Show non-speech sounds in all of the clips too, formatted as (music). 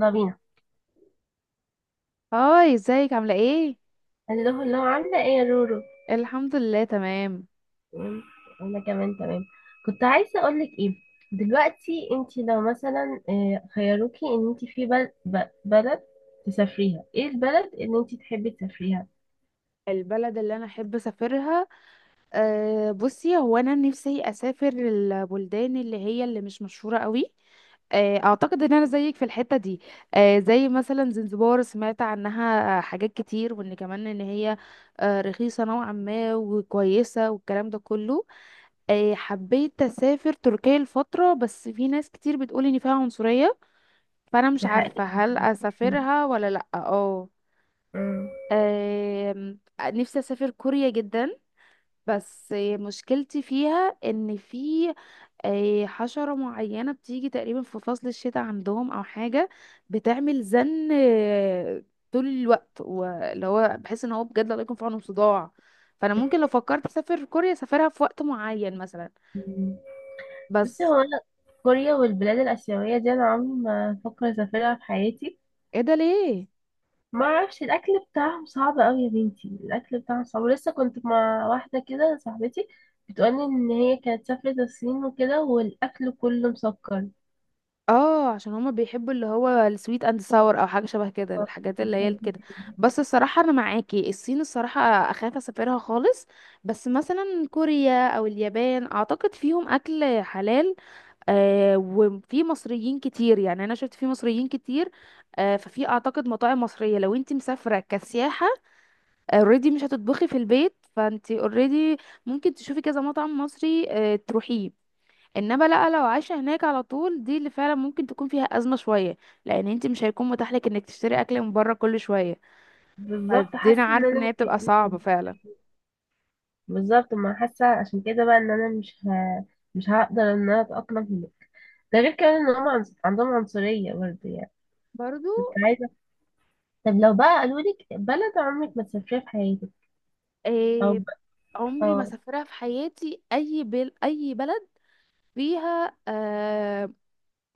يلا بينا. هاي، ازيك عاملة ايه؟ اللي هو عاملة ايه يا رورو؟ الحمد لله تمام. تمام، انا كمان تمام. كنت عايزة اقولك ايه، دلوقتي انتي لو مثلا خيروكي ان انتي في بلد تسافريها، ايه البلد اللي انتي تحبي تسافريها؟ البلد اللي انا احب اسافرها. بصي، هو انا نفسي اسافر البلدان اللي هي اللي مش مشهورة قوي. اعتقد ان انا زيك في الحتة دي. زي مثلا زنزبار، سمعت عنها حاجات كتير، وان كمان ان هي رخيصة نوعا ما وكويسة والكلام ده كله. حبيت اسافر تركيا الفترة، بس في ناس كتير بتقول ان فيها عنصرية، فانا مش تحققي. عارفة هل اسافرها ولا لا. اه مم. آم، نفسي اسافر كوريا جدا، بس مشكلتي فيها ان في حشرة معينة بتيجي تقريبا في فصل الشتاء عندهم او حاجة، بتعمل زن طول الوقت، واللي هو بحس ان هو بجد الله يكون في عونهم، صداع. فانا ممكن لو فكرت اسافر كوريا اسافرها في وقت معين مثلا. بصي بس. هو انا كوريا والبلاد الاسيوية دي انا عمري ما افكر اسافرها في حياتي. ايه ده ليه؟ ما اعرفش، الاكل بتاعهم صعب قوي يا بنتي، الاكل بتاعهم صعب. ولسه كنت مع واحده كده صاحبتي بتقولي ان هي كانت سافرت الصين وكده والاكل كله مسكر. اه، عشان هما بيحبوا اللي هو السويت اند ساور او حاجه شبه كده، الحاجات اللي هي كده. بس الصراحه انا معاكي، الصين الصراحه اخاف اسافرها خالص. بس مثلا كوريا او اليابان اعتقد فيهم اكل حلال. وفي مصريين كتير، يعني انا شفت في مصريين كتير. ففي اعتقد مطاعم مصريه لو انت مسافره كسياحه، اوريدي مش هتطبخي في البيت، فانت اوريدي ممكن تشوفي كذا مطعم مصري تروحيه. انما لا، لو عايشه هناك على طول، دي اللي فعلا ممكن تكون فيها ازمه شويه، لان انت مش هيكون متاح لك انك تشتري اكل من بره كل شويه. بالظبط، حاسه فدينا ان عارفه ان انا هي بتبقى صعبه فعلا. بالظبط، ما حاسه عشان كده بقى ان انا مش هقدر ان انا اتاقلم هنا. ده غير كمان ان هم عندهم عنصريه برضه يعني. برضو. كنت عايزه، طب لو بقى قالوا لك بلد عمرك ما تسافريها في حياتك؟ او إيه؟ عمري ما اه. سافرها في حياتي اي بل اي بلد فيها.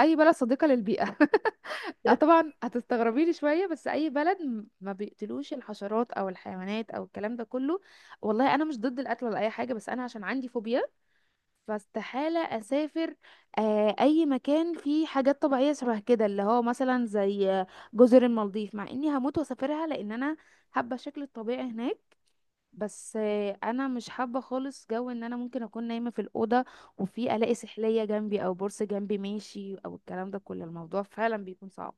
اي بلد صديقه للبيئه (laughs) طبعا هتستغربي لي شويه، بس اي بلد ما بيقتلوش الحشرات او الحيوانات او الكلام ده كله. والله انا مش ضد القتل ولا اي حاجه، بس انا عشان عندي فوبيا، فاستحالة أسافر أي مكان فيه حاجات طبيعية شبه كده، اللي هو مثلا زي جزر المالديف، مع إني هموت وأسافرها لأن أنا حابة الشكل الطبيعي هناك. بس أنا مش حابة خالص جو إن أنا ممكن أكون نايمة في الأوضة وفي ألاقي سحلية جنبي أو بورصة جنبي ماشي أو الكلام ده كله. الموضوع فعلا بيكون صعب.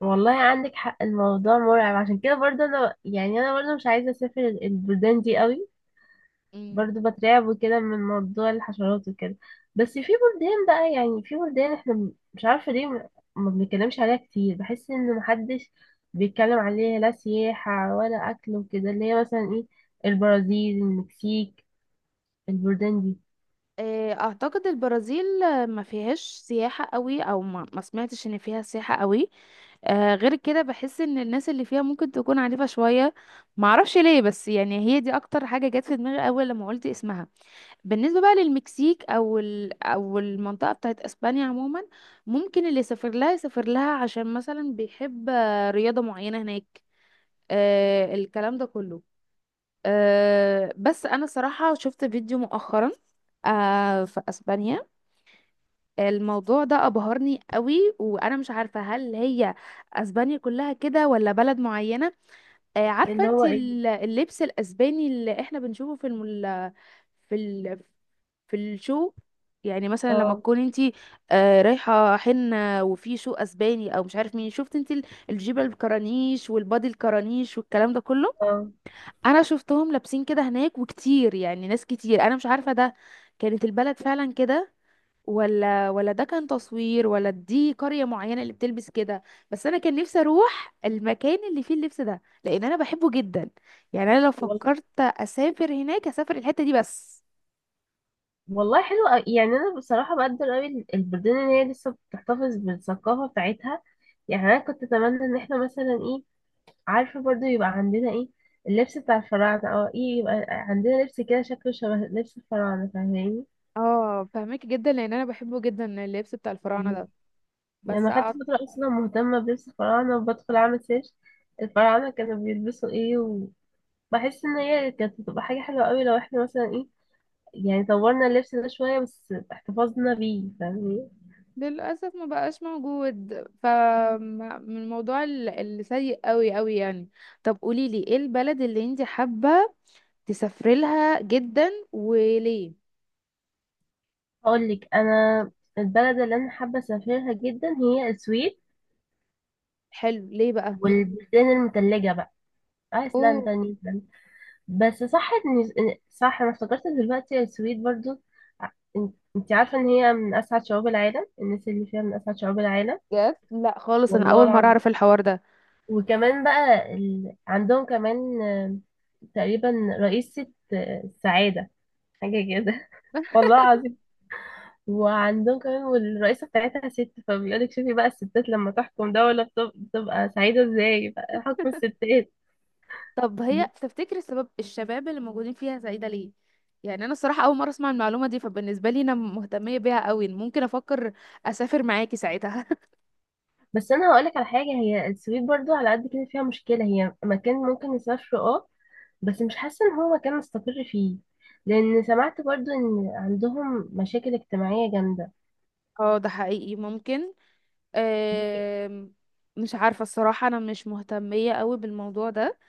والله عندك حق، الموضوع مرعب، عشان كده برضه انا يعني انا برضه مش عايزه اسافر البلدان دي قوي. مم. برضه بترعب وكده من موضوع الحشرات وكده. بس في بلدان بقى، يعني في بلدان احنا مش عارفه ليه ما ما بنتكلمش عليها كتير. بحس ان محدش بيتكلم عليها لا سياحه ولا اكل وكده، اللي هي مثلا ايه، البرازيل، المكسيك، البلدان دي. أعتقد البرازيل ما فيهاش سياحة قوي، أو ما سمعتش إن فيها سياحة قوي. غير كده بحس ان الناس اللي فيها ممكن تكون عنيفة شوية. معرفش ليه، بس يعني هي دي اكتر حاجة جت في دماغي اول لما قلت اسمها. بالنسبة بقى للمكسيك او او المنطقة بتاعت اسبانيا عموما، ممكن اللي يسافر لها يسافر لها عشان مثلا بيحب رياضة معينة هناك، الكلام ده كله. بس انا صراحة شفت فيديو مؤخرا في اسبانيا. الموضوع ده ابهرني قوي، وانا مش عارفة هل هي اسبانيا كلها كده ولا بلد معينة. عارفة اللي انت هو ايه؟ اللبس الأسباني اللي احنا بنشوفه في في في الشو، يعني مثلا لما اه. تكون انت رايحة حنة وفي شو أسباني أو مش عارف مين، شفت انت الجيبة الكرانيش والبادي الكرانيش والكلام ده كله. اه. أنا شفتهم لابسين كده هناك وكتير، يعني ناس كتير. أنا مش عارفة ده كانت البلد فعلا كده ولا ده كان تصوير، ولا دي قرية معينة اللي بتلبس كده. بس انا كان نفسي اروح المكان اللي فيه اللبس ده، لان انا بحبه جدا. يعني انا لو فكرت اسافر هناك، اسافر الحتة دي بس. والله حلو أوي. يعني انا بصراحه بقدر قوي البلدان اللي هي لسه بتحتفظ بالثقافه بتاعتها. يعني انا كنت اتمنى ان احنا مثلا ايه، عارفه برضو، يبقى عندنا ايه، اللبس بتاع الفراعنه او ايه، يبقى عندنا لبس كده شكله شبه لبس الفراعنه، فاهماني؟ اه، فهمك جدا، لان انا بحبه جدا اللبس بتاع الفراعنة مم. ده. يعني بس انا خدت فتره اصلا مهتمه بلبس الفراعنه وبدخل اعمل سيرش الفراعنه كانوا بيلبسوا ايه، وبحس ان هي كانت بتبقى حاجه حلوه قوي لو احنا مثلا ايه، يعني طورنا اللبس ده شويه بس احتفظنا بيه، فاهماني؟ للاسف ما بقاش موجود. ف من الموضوع اللي سيء قوي قوي يعني. طب قولي لي ايه البلد اللي انت حابة تسافري لها جدا وليه؟ هقول لك انا، البلد اللي انا حابه اسافرها جدا هي السويد حلو، ليه والبلدان المتلجه بقى، بقى؟ ايسلندا، نيوزيلندا. بس صح صح، انا افتكرت دلوقتي السويد برضو، ع- إن- انت عارفه ان هي من اسعد شعوب العالم، الناس اللي فيها من اسعد شعوب العالم. بجد؟ لا خالص، انا والله اول مره العظيم. اعرف الحوار ده. وكمان بقى ال... عندهم كمان تقريبا رئيسة السعادة، حاجة كده. (laughs) والله العظيم. وعندهم كمان، والرئيسة بتاعتها ست، فبيقولك شوفي بقى الستات لما تحكم دولة بتبقى سعيدة ازاي بقى حكم الستات. طب هي تفتكر السبب الشباب اللي موجودين فيها زايده ليه؟ يعني انا الصراحه اول مره اسمع المعلومه دي، فبالنسبه لي انا مهتميه بيها قوي، ممكن افكر اسافر معاكي ساعتها. بس انا هقولك على حاجة، هي السويد برضو على قد كده فيها مشكلة، هي مكان ممكن نسافره اه، بس مش حاسة ان هو مكان نستقر فيه، لان سمعت برضو ان عندهم مشاكل اجتماعية جامدة. (laughs) اه، ده حقيقي ممكن. أم... مش عارفه الصراحه، انا مش مهتميه قوي بالموضوع ده،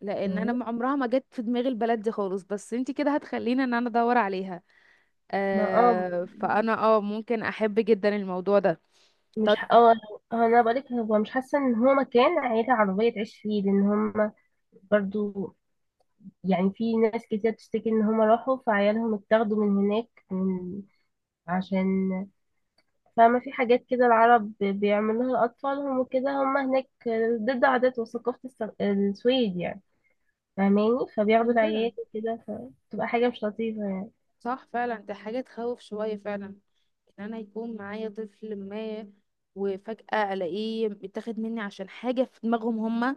لان انا عمرها ما جت في دماغي البلد دي خالص، بس انتي كده هتخليني ان انا ادور عليها. ما اه فانا ممكن احب جدا الموضوع ده. مش طيب. ح- اه، انا بقولك هو مش حاسة ان هو مكان عيلة عربية تعيش فيه، لان هم برضو، يعني في ناس كتير بتشتكي ان هم راحوا فعيالهم اتاخدوا من هناك من عشان، فما في حاجات كده العرب بيعملوها لأطفالهم وكده هم هناك ضد عادات وثقافة السويد يعني، فاهماني؟ فبياخدوا عشان العيال كده وكده فبتبقى حاجة مش لطيفة يعني. صح فعلا، ده حاجة تخوف شوية فعلا، ان انا يكون معايا طفل ما وفجأة الاقيه بيتاخد مني عشان حاجة في دماغهم هما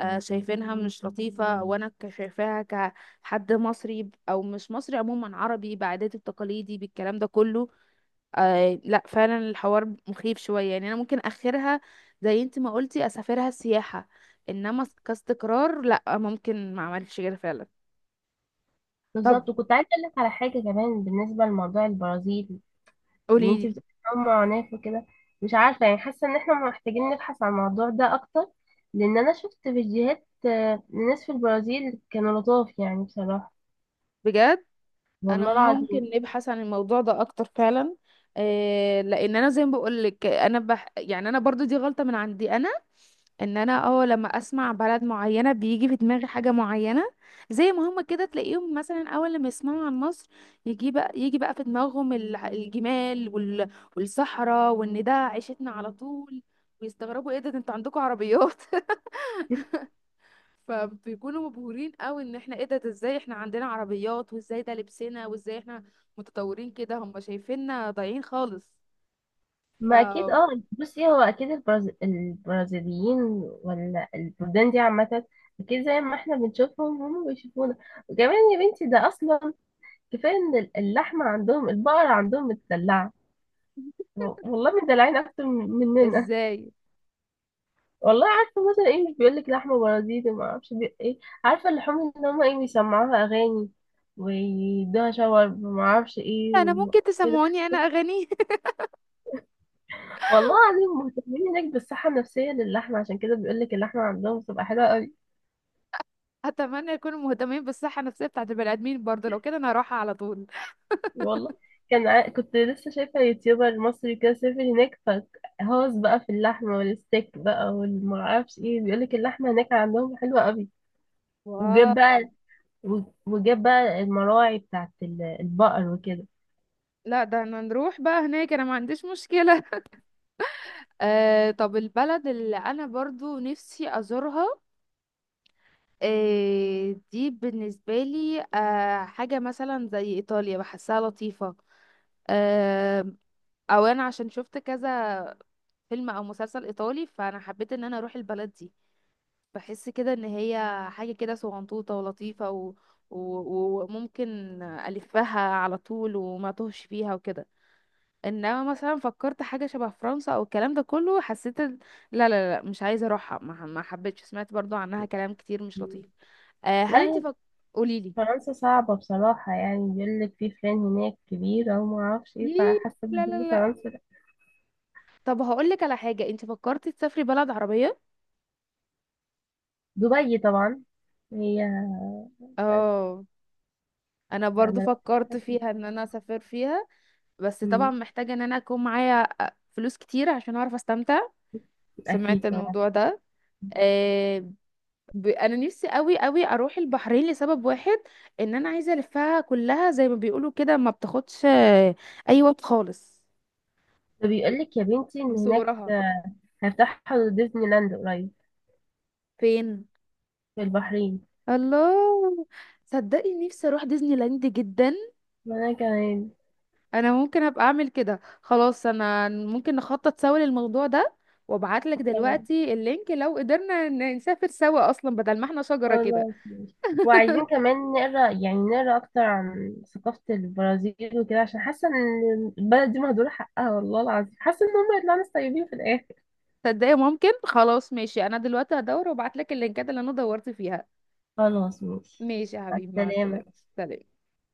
شايفينها مش لطيفة، وانا شايفاها كحد مصري او مش مصري، عموما عربي بعاداتي بتقاليدي بالكلام ده كله. لا فعلا الحوار مخيف شوية، يعني انا ممكن اخرها زي انت ما قلتي اسافرها سياحة، انما كاستقرار لا، ممكن ما اعملش كده فعلا. طب بالظبط. وكنت عايزة أقول لك على حاجة كمان بالنسبة لموضوع البرازيل، ان انت قوليلي. بتبقي كمان معاناة وكده، مش عارفة يعني، حاسة ان احنا محتاجين نبحث عن الموضوع ده اكتر، لان انا شفت فيديوهات لناس في البرازيل كانوا لطاف يعني بصراحة. بجد؟ انا والله ممكن العظيم. نبحث عن الموضوع ده اكتر فعلا. إيه، لان انا زي ما بقول لك، انا يعني انا برضو دي غلطة من عندي انا، ان انا لما اسمع بلد معينة بيجي في دماغي حاجة معينة. زي ما هما كده تلاقيهم مثلا اول لما يسمعوا عن مصر، يجي بقى في دماغهم الجمال والصحراء، وان ده عيشتنا على طول، ويستغربوا ايه ده انتوا عندكم عربيات (laughs) مم. فبيكونوا مبهورين قوي ان احنا، ايه ده ازاي احنا عندنا عربيات، وازاي ده لبسنا، وازاي احنا متطورين كده؟ هم شايفيننا ضايعين خالص. ف، ما اكيد اه، بصي هو اكيد البرازيليين ولا البلدان دي عامه، اكيد زي ما احنا بنشوفهم هم بيشوفونا. وكمان يا بنتي ده اصلا، كفايه ان اللحمه عندهم، البقر عندهم متدلعه، والله مدلعين اكتر مننا. ازاي والله عارفه مثلا ايه، مش بيقول لك لحمه بارازيتي ما اعرفش ايه، عارفه اللحوم ان هم ايه بيسمعوها اغاني ويدوها شاورما ما اعرفش ايه انا ممكن وكده. تسمعوني انا اغاني؟ والله العظيم، مهتمين هناك بالصحه النفسيه للحمه، عشان كده بيقول لك اللحمه عندهم بتبقى حلوه قوي. (laughs) اتمنى يكونوا مهتمين بالصحه النفسيه بتاعت البني ادمين برضه، لو كده انا هروحها على طول. والله كنت لسه شايفه يوتيوبر مصري كده سافر هناك فهوس بقى في اللحمه والستيك بقى والمعرفش ايه، بيقول لك اللحمه هناك عندهم حلوه قوي. وجاب واو. بقى وجاب بقى المراعي بتاعت البقر وكده. لا، ده انا نروح بقى هناك، انا ما عنديش مشكلة. (laughs) طب البلد اللي انا برضو نفسي ازورها، دي بالنسبة لي حاجة مثلا زي ايطاليا، بحسها لطيفة. آم، او انا عشان شفت كذا فيلم او مسلسل ايطالي، فانا حبيت ان انا اروح البلد دي. بحس كده ان هي حاجه كده صغنطوطه ولطيفه وممكن الفها على طول وما توهش فيها وكده. انما مثلا فكرت حاجه شبه فرنسا او الكلام ده كله، حسيت لا لا لا، مش عايزه اروحها، ما حبيتش. سمعت برضو عنها كلام كتير مش لطيف. هل لا، انت هي فك... قوليلي، فرنسا صعبة بصراحة، يعني بيقول لك في فلان هناك كبيرة وما اعرفش ايه، ليه؟ فحاسة لا ان لا لا. فرنسا لا. طب هقولك على حاجه، انت فكرتي تسافري بلد عربيه؟ دبي طبعا، هي بس. اه. انا لا. برضو أنا فكرت فيها ان انا اسافر فيها، بس طبعا مم، محتاجة ان انا اكون معايا فلوس كتير عشان اعرف استمتع. سمعت أكيد طبعا. الموضوع ده. آه انا نفسي قوي قوي اروح البحرين لسبب واحد، ان انا عايزة الفها كلها زي ما بيقولوا كده، ما بتاخدش اي وقت خالص. فبيقول لك يا بنتي من إن هناك صغرها. هيفتحوا ديزني لاند قريب. فين؟ في البحرين. الله، صدقني نفسي اروح ديزني لاند جدا. وأنا كمان. انا ممكن ابقى اعمل كده، خلاص انا ممكن نخطط سوا للموضوع ده، وابعت لك خلاص. دلوقتي اللينك لو قدرنا نسافر سوا اصلا بدل ما احنا شجرة كده. خلاص ماشي. وعايزين كمان نقرا، يعني نقرا أكتر عن ثقافة البرازيل وكده، عشان حاسة إن البلد دي مهدورة حقها، والله العظيم حاسة إن هم يطلعوا ناس طيبين في الآخر. تصدقي؟ ممكن. خلاص ماشي، انا دلوقتي هدور وابعت لك اللينكات اللي انا دورت فيها. خلاص ماشي. ماشي يا مع حبيبي، مع السلامة. السلامة. سلام.